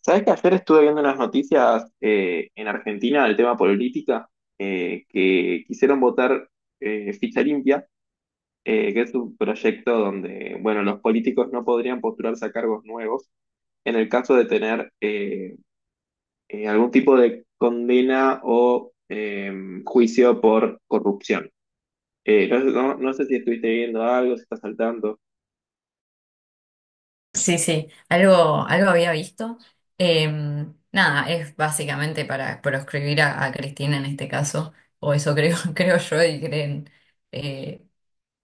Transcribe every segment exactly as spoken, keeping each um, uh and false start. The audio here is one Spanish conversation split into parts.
Sabes que ayer estuve viendo unas noticias eh, en Argentina del tema política, eh, que quisieron votar eh, Ficha Limpia, eh, que es un proyecto donde, bueno, los políticos no podrían postularse a cargos nuevos en el caso de tener eh, eh, algún tipo de condena o eh, juicio por corrupción. Eh, no, no- no sé si estuviste viendo algo, si estás saltando. Sí, sí, algo, algo había visto. Eh, nada, es básicamente para proscribir a, a Cristina en este caso, o eso creo, creo yo y creen eh,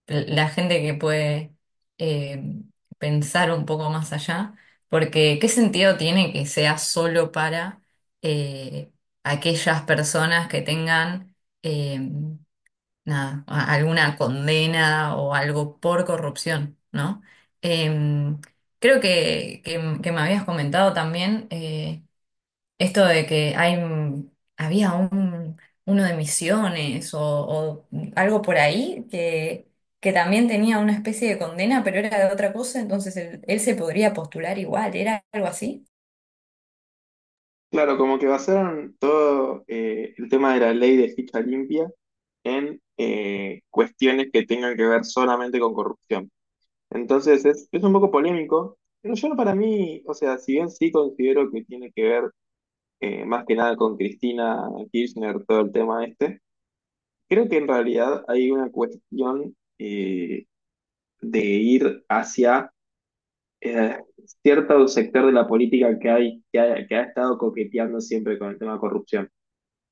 la gente que puede eh, pensar un poco más allá, porque ¿qué sentido tiene que sea solo para eh, aquellas personas que tengan... em, nada, a- alguna condena o algo por corrupción, ¿no? Em, creo que, que- que me habías comentado también eh, esto de que hay, mm, había un, uno de Misiones o, o algo por ahí que, que también tenía una especie de condena, pero era de otra cosa, entonces él, él se podría postular igual, ¿era algo así? Claro, como que basaron todo eh, el tema de la ley de ficha limpia en eh, cuestiones que tengan que ver solamente con corrupción. Entonces es, es un poco polémico, pero yo no para mí, o sea, si bien sí considero que tiene que ver eh, más que nada con Cristina Kirchner, todo el tema este, creo que en realidad hay una cuestión eh, de ir hacia eh, cierto sector de la política que, hay, que ha que ha estado coqueteando siempre con el tema de corrupción.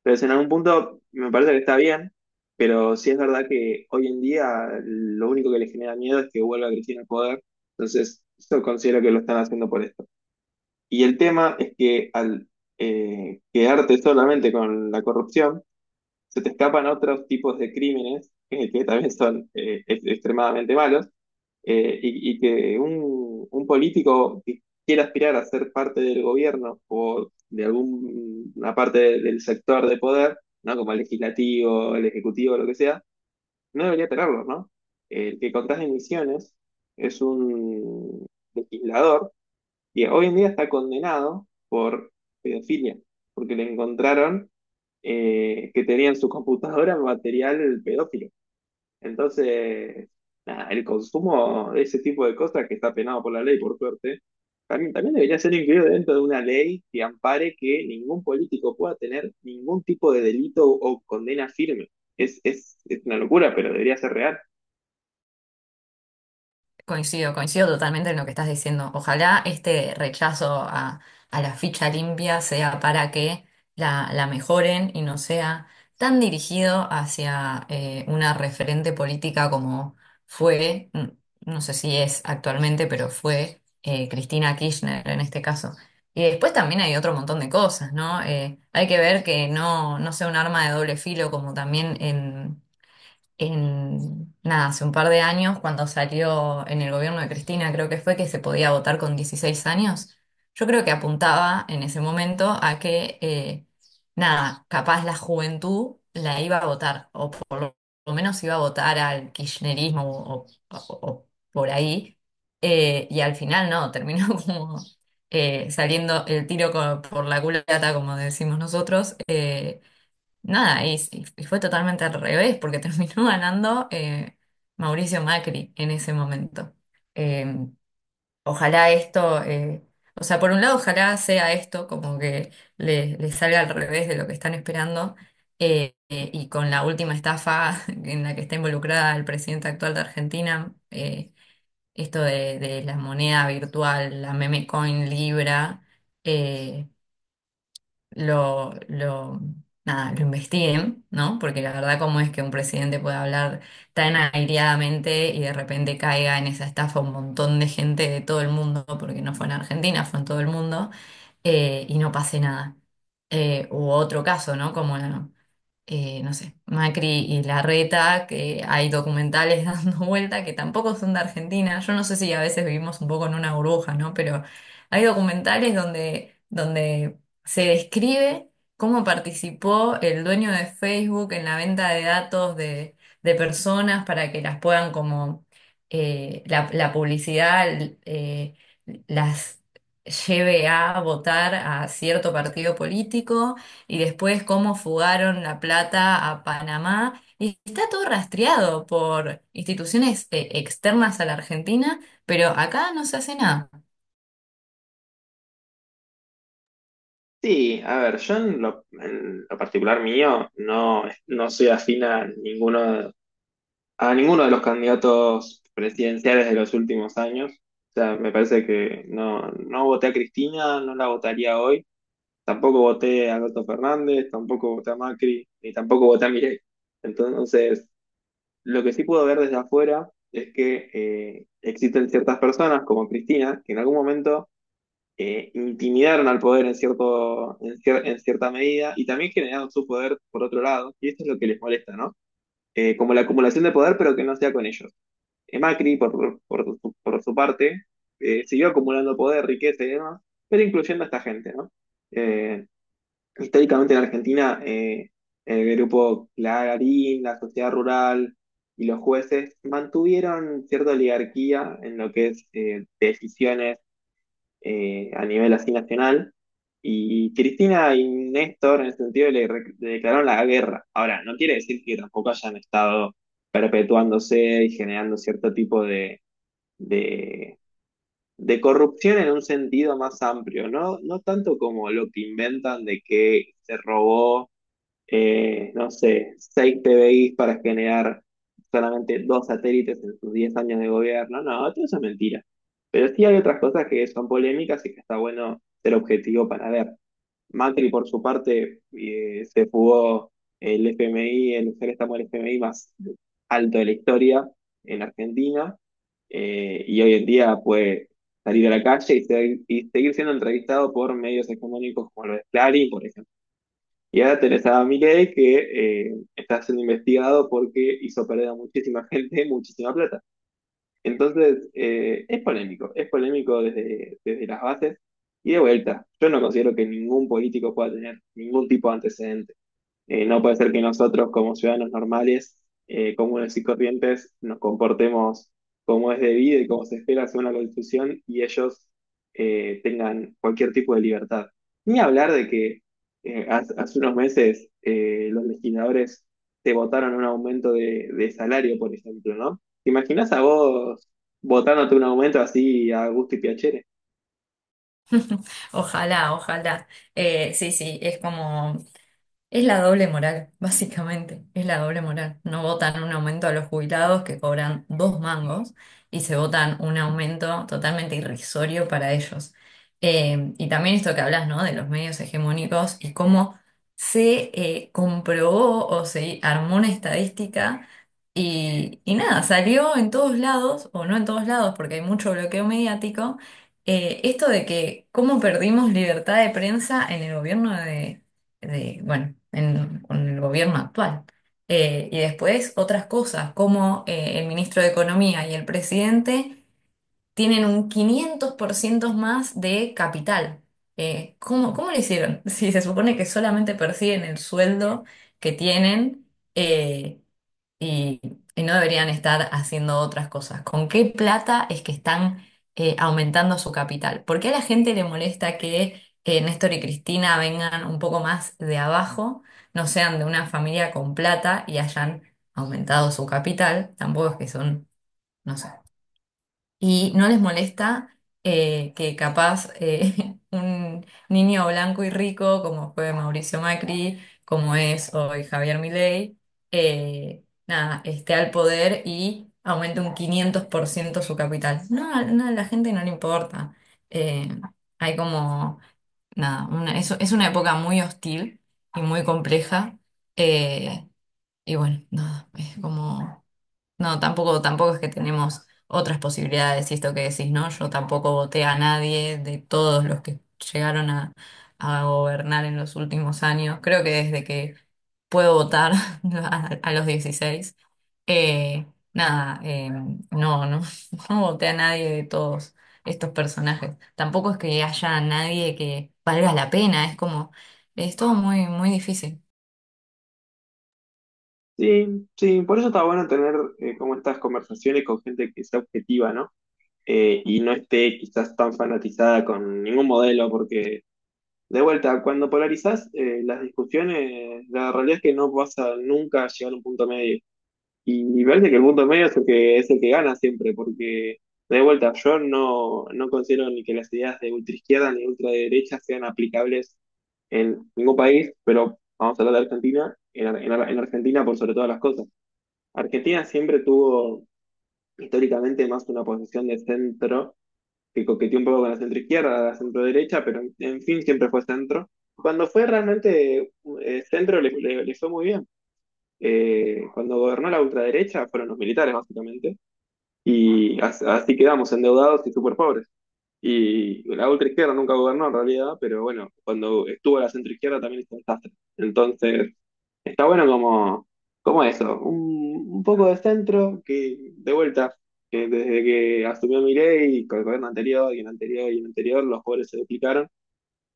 Entonces, en algún punto me parece que está bien, pero sí es verdad que hoy en día lo único que le genera miedo es que vuelva Cristina al poder. Entonces, yo considero que lo están haciendo por esto. Y el tema es que al eh, quedarte solamente con la corrupción, se te escapan otros tipos de crímenes eh, que también son eh, ex- extremadamente malos, eh, y, y que un, un político que quiera aspirar a ser parte del gobierno o de alguna parte de- del sector de poder, ¿no? Como el legislativo, el ejecutivo, lo que sea, no debería tenerlo, ¿no? El que contrae emisiones es un legislador que hoy en día está condenado por pedofilia, porque le encontraron eh, que tenía en su computadora material pedófilo. Entonces, nada, el consumo de ese tipo de cosas que está penado por la ley, por suerte, también, también debería ser incluido dentro de una ley que ampare que ningún político pueda tener ningún tipo de delito o condena firme. Es, es, es una locura, pero debería ser real. Coincido, coincido totalmente en lo que estás diciendo. Ojalá este rechazo a, a la ficha limpia sea para que la, la mejoren y no sea tan dirigido hacia eh, una referente política como fue, mm, no sé si es actualmente, pero fue eh, Cristina Kirchner en este caso. Y después también hay otro montón de cosas, ¿no? Eh, hay que ver que no, no sea un arma de doble filo como también en en, nada, hace un par de años, cuando salió en el gobierno de Cristina, creo que fue que se podía votar con dieciséis años. Yo creo que apuntaba en ese momento a que, eh, nada, capaz la juventud la iba a votar, o por lo lo menos iba a votar al kirchnerismo o, o- o por ahí, eh, y al final no, terminó como... eh, saliendo el tiro co- por la culata, como decimos nosotros. Eh, Nada, y, s- Y fue totalmente al revés, porque terminó ganando eh, Mauricio Macri en ese momento. Eh, Ojalá esto, eh, o sea, por un lado, ojalá sea esto como que le, le salga al revés de lo que están esperando, eh, eh, y con la última estafa en la que está involucrada el presidente actual de Argentina, eh, esto de, de la moneda virtual, la meme coin Libra. eh, lo, lo, nada, lo investiguen, ¿no? Porque la verdad, cómo es que un presidente puede hablar tan aireadamente y de repente caiga en esa estafa un montón de gente de todo el mundo, porque no fue en Argentina, fue en todo el mundo, eh, y no pase nada. Eh, u otro caso, ¿no? Como la, eh, no sé, Macri y Larreta, que hay documentales dando vuelta que tampoco son de Argentina. Yo no sé si a veces vivimos un poco en una burbuja, ¿no? Pero hay documentales donde, donde se describe cómo participó el dueño de Facebook en la venta de datos de, de personas para que las puedan como eh, la, la publicidad eh, las lleve a votar a cierto partido político y después cómo fugaron la plata a Panamá. Y está todo rastreado por instituciones eh, externas a la Argentina, pero acá no se hace nada. Sí, a ver, yo en lo, en lo particular mío no, no soy afín a ninguno, a ninguno de los candidatos presidenciales de los últimos años. O sea, me parece que no, no voté a Cristina, no la votaría hoy. Tampoco voté a Alberto Fernández, tampoco voté a Macri, ni tampoco voté a Milei. Entonces, lo que sí puedo ver desde afuera es que eh, existen ciertas personas como Cristina que en algún momento eh, intimidaron al poder en, cierto, en, cier- en cierta medida y también generaron su poder por otro lado, y esto es lo que les molesta, ¿no? Eh, como la acumulación de poder, pero que no sea con ellos. Eh, Macri, por, por, por su, por su parte, eh, siguió acumulando poder, riqueza y demás, pero incluyendo a esta gente, ¿no? Eh, Históricamente en Argentina, eh, el grupo Clarín, la sociedad rural y los jueces mantuvieron cierta oligarquía en lo que es eh, decisiones eh, a nivel así nacional. Y Cristina y Néstor, en el sentido, le, re- le declararon la guerra. Ahora, no quiere decir que tampoco hayan estado perpetuándose y generando cierto tipo de, de, de corrupción en un sentido más amplio, ¿no? No tanto como lo que inventan de que se robó eh, no sé, seis P B Is para generar solamente dos satélites en sus diez años de gobierno. No, todo eso es mentira. Pero sí hay otras cosas que son polémicas y que está bueno ser objetivo para ver. Macri, por su parte, eh, se fugó el F M I, el préstamo del F M I más alto de la historia en Argentina, eh, y hoy en día puede salir a la calle y, ser- y seguir siendo entrevistado por medios económicos como los de Clarín, por ejemplo. Y ahora tenés a Milei que eh, está siendo investigado porque hizo perder a muchísima gente muchísima plata. Entonces, eh, es polémico, es polémico desde, desde las bases. Y de vuelta, yo no considero que ningún político pueda tener ningún tipo de antecedente. Eh, no puede ser que nosotros, como ciudadanos normales, eh, comunes y corrientes, nos comportemos como es debido y como se espera según la Constitución y ellos eh, tengan cualquier tipo de libertad. Ni hablar de que eh, hace, hace unos meses eh, los legisladores te votaron un aumento de, de salario, por ejemplo, ¿no? ¿Te imaginas a vos votándote un aumento así a gusto y piacere? Ojalá, ojalá. Eh, sí, sí, es como... Es la doble moral, básicamente, es la doble moral. No votan un aumento a los jubilados que cobran dos mangos y se votan un aumento totalmente irrisorio para ellos. Eh, y también esto que hablas, ¿no? De los medios hegemónicos y cómo se eh, comprobó o se armó una estadística y, y nada, salió en todos lados, o no en todos lados, porque hay mucho bloqueo mediático, eh, esto de que cómo perdimos libertad de prensa en el gobierno de de, bueno, en, con el gobierno actual. Eh, y después otras cosas, como eh, el ministro de Economía y el presidente tienen un quinientos por ciento más de capital. Eh, ¿cómo, cómo lo hicieron? Si se supone que solamente perciben el sueldo que tienen, eh, y, y no deberían estar haciendo otras cosas. ¿Con qué plata es que están eh, aumentando su capital? ¿Por qué a la gente le molesta que eh, Néstor y Cristina vengan un poco más de abajo, no sean de una familia con plata y hayan aumentado su capital? Tampoco es que son, no sé, y no les molesta eh, que capaz eh, un niño blanco y rico, como fue Mauricio Macri, como es hoy Javier Milei, eh, nada, esté al poder y aumente un quinientos por ciento su capital. No, a- no, a la gente no le importa. Eh, hay como, nada, una- es, es una época muy hostil y muy compleja. Eh, y bueno, nada, Es como... No, tampoco, tampoco es que tenemos otras posibilidades, y esto que decís, ¿no? Yo tampoco voté a nadie de todos los que llegaron a, a gobernar en los últimos años. Creo que desde que puedo votar a, a los dieciséis eh, nada, eh, no, no, no voté a nadie de todos estos personajes. Tampoco es que haya nadie que valga la pena, es como, es todo muy, muy difícil. Sí, sí, por eso está bueno tener eh, como estas conversaciones con gente que sea objetiva, ¿no? eh, y no esté quizás tan fanatizada con ningún modelo, porque de vuelta, cuando polarizás eh, las discusiones, la realidad es que no vas a nunca llegar a un punto medio. Y, y parece que el punto medio es el que, es el que gana siempre, porque de vuelta, yo no, no considero ni que las ideas de ultraizquierda ni ultraderecha sean aplicables en ningún país, pero vamos a hablar de Argentina, en, Ar- en Ar- en Argentina por sobre todas las cosas. Argentina siempre tuvo históricamente más una posición de centro que coqueteó un poco con la centro izquierda, la centro derecha, pero en fin, siempre fue centro. Cuando fue realmente eh, centro le, le- le fue muy bien. Eh, cuando gobernó la ultraderecha fueron los militares, básicamente, y as- así quedamos endeudados y súper pobres. Y la ultraizquierda nunca gobernó en realidad, pero bueno, cuando estuvo la centroizquierda también hizo un desastre. Entonces, está bueno como, como eso, un, un poco de centro que, de vuelta, que desde que asumió Milei y con el gobierno anterior y el anterior y el anterior, los pobres se duplicaron.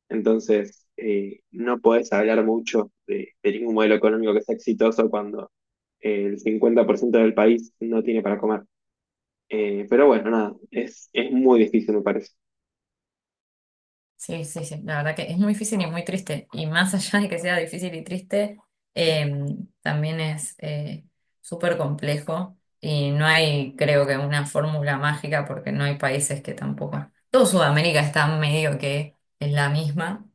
Entonces, eh, no podés hablar mucho de, de ningún modelo económico que sea exitoso cuando eh, el cincuenta por ciento del país no tiene para comer. Eh, pero bueno, nada, es, es muy difícil, me parece. Sí, sí, sí, la verdad que es muy difícil y muy triste. Y más allá de que sea difícil y triste, eh, también es eh, súper complejo y no hay, creo que, una fórmula mágica porque no hay países que tampoco... Todo Sudamérica está medio que es la misma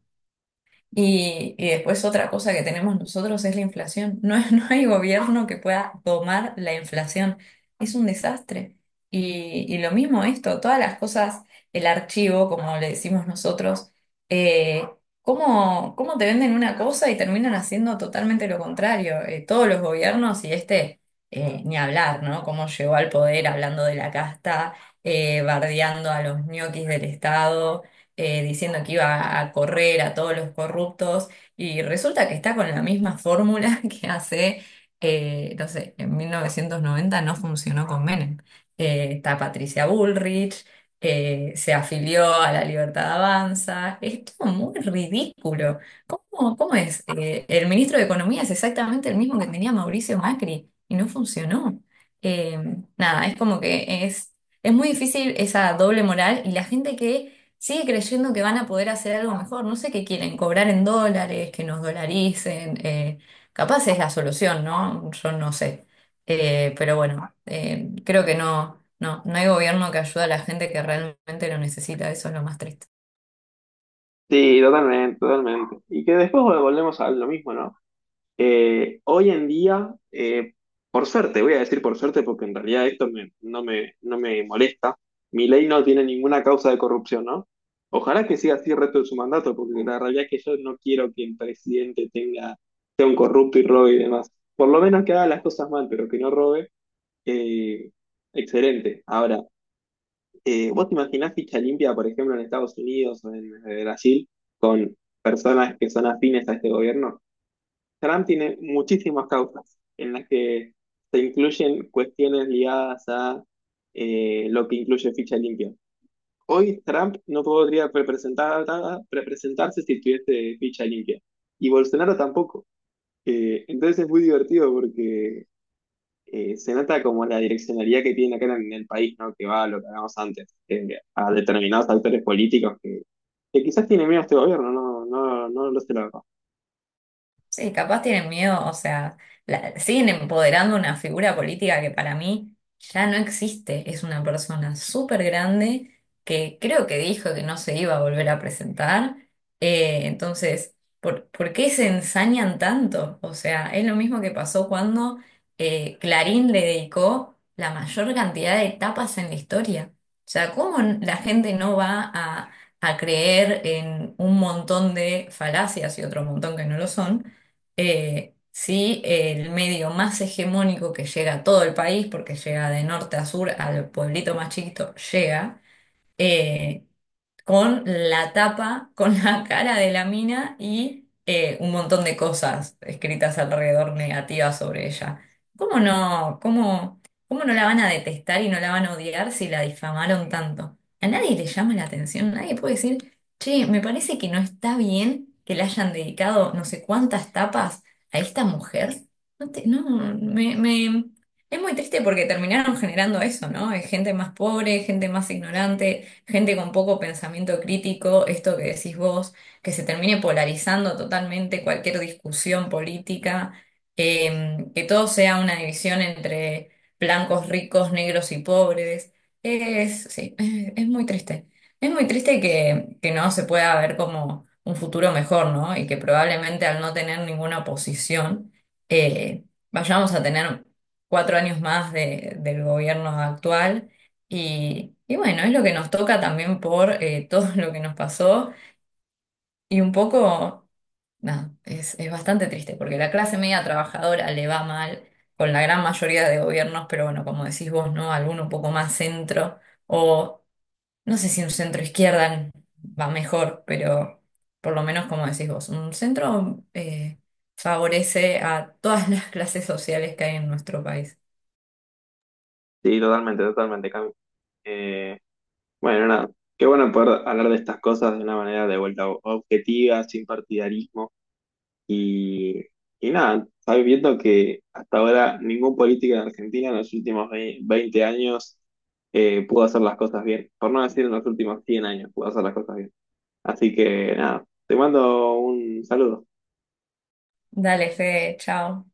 y, y después otra cosa que tenemos nosotros es la inflación. No, es- no hay gobierno que pueda domar la inflación. Es un desastre. Y, y lo mismo esto, todas las cosas, el archivo, como le decimos nosotros, eh, ¿cómo, cómo te venden una cosa y terminan haciendo totalmente lo contrario? Eh, todos los gobiernos y este, eh, ni hablar, ¿no? Cómo llegó al poder hablando de la casta, eh, bardeando a los ñoquis del Estado eh, diciendo que iba a correr a todos los corruptos y resulta que está con la misma fórmula que hace, eh, no sé, en mil novecientos noventa no funcionó con Menem. Eh, está Patricia Bullrich, eh, se afilió a la Libertad Avanza, es todo muy ridículo. ¿Cómo, cómo es? Eh, el ministro de Economía es exactamente el mismo que tenía Mauricio Macri y no funcionó. Eh, nada, es como que es, es muy difícil esa doble moral y la gente que sigue creyendo que van a poder hacer algo mejor. No sé qué quieren, cobrar en dólares, que nos dolaricen. Eh, capaz es la solución, ¿no? Yo no sé. Eh, pero bueno, eh, creo que no, no, no hay gobierno que ayude a la gente que realmente lo necesita. Eso es lo más triste. Sí, totalmente, totalmente. Y que después volvemos a lo mismo, ¿no? Eh, hoy en día, eh, por suerte, voy a decir por suerte porque en realidad esto me- no me, no me molesta, mi ley no tiene ninguna causa de corrupción, ¿no? Ojalá que siga así el resto de su mandato, porque la realidad es que yo no quiero que el presidente tenga, sea un corrupto y robe y demás. Por lo menos que haga las cosas mal, pero que no robe, eh, excelente. Ahora, eh, ¿vos te imaginás ficha limpia, por ejemplo, en Estados Unidos o en eh, Brasil, personas que son afines a este gobierno? Trump tiene muchísimas causas en las que se incluyen cuestiones ligadas a eh, lo que incluye ficha limpia. Hoy Trump no podría representar, representarse si tuviese ficha limpia. Y Bolsonaro tampoco. Eh, entonces es muy divertido porque eh, se nota como la direccionalidad que tiene acá en el país, ¿no? Que va a lo que hablábamos antes, eh, a determinados actores políticos que, que quizás tienen miedo a este gobierno, no, no, no lo sé la verdad. Sí, capaz tienen miedo, o sea, la- siguen empoderando una figura política que para mí ya no existe. Es una persona súper grande que creo que dijo que no se iba a volver a presentar. Eh, entonces, ¿por, por qué se ensañan tanto? O sea, es lo mismo que pasó cuando eh, Clarín le dedicó la mayor cantidad de tapas en la historia. O sea, ¿cómo n- la gente no va a, a creer en un montón de falacias y otro montón que no lo son? Eh, sí, el medio más hegemónico que llega a todo el país, porque llega de norte a sur, al pueblito más chiquito, llega. Eh, con la tapa, con la cara de la mina y eh, un montón de cosas escritas alrededor negativas sobre ella. ¿Cómo no, cómo, ¿Cómo no la van a detestar y no la van a odiar si la difamaron tanto? A nadie le llama la atención, nadie puede decir, che, me parece que no está bien que le hayan dedicado no sé cuántas tapas a esta mujer. No, te- no, me, me- Es muy triste porque terminaron generando eso, ¿no? Es gente más pobre, gente más ignorante, gente con poco pensamiento crítico, esto que decís vos, que se termine polarizando totalmente cualquier discusión política, eh, que todo sea una división entre blancos ricos, negros y pobres. Es, sí, es, es muy triste. Es muy triste que, que no se pueda ver como un futuro mejor, ¿no? Y que probablemente al no tener ninguna oposición, eh, vayamos a tener cuatro años más de- del gobierno actual y, y bueno, es lo que nos toca también por eh, todo lo que nos pasó y un poco, nada, es, es bastante triste porque la clase media trabajadora le va mal con la gran mayoría de gobiernos, pero bueno, como decís vos, ¿no? Alguno un poco más centro o no sé si un centro izquierda va mejor, pero por lo menos como decís vos, un centro eh, favorece a todas las clases sociales que hay en nuestro país. Sí, totalmente, totalmente, Cami. Eh, Bueno, nada, qué bueno poder hablar de estas cosas de una manera de vuelta objetiva, sin partidarismo y, y nada, sabes viendo que hasta ahora ningún político en Argentina en los últimos ve- veinte años eh, pudo hacer las cosas bien, por no decir en los últimos cien años pudo hacer las cosas bien. Así que nada, te mando un saludo. Dale, Fede, chao.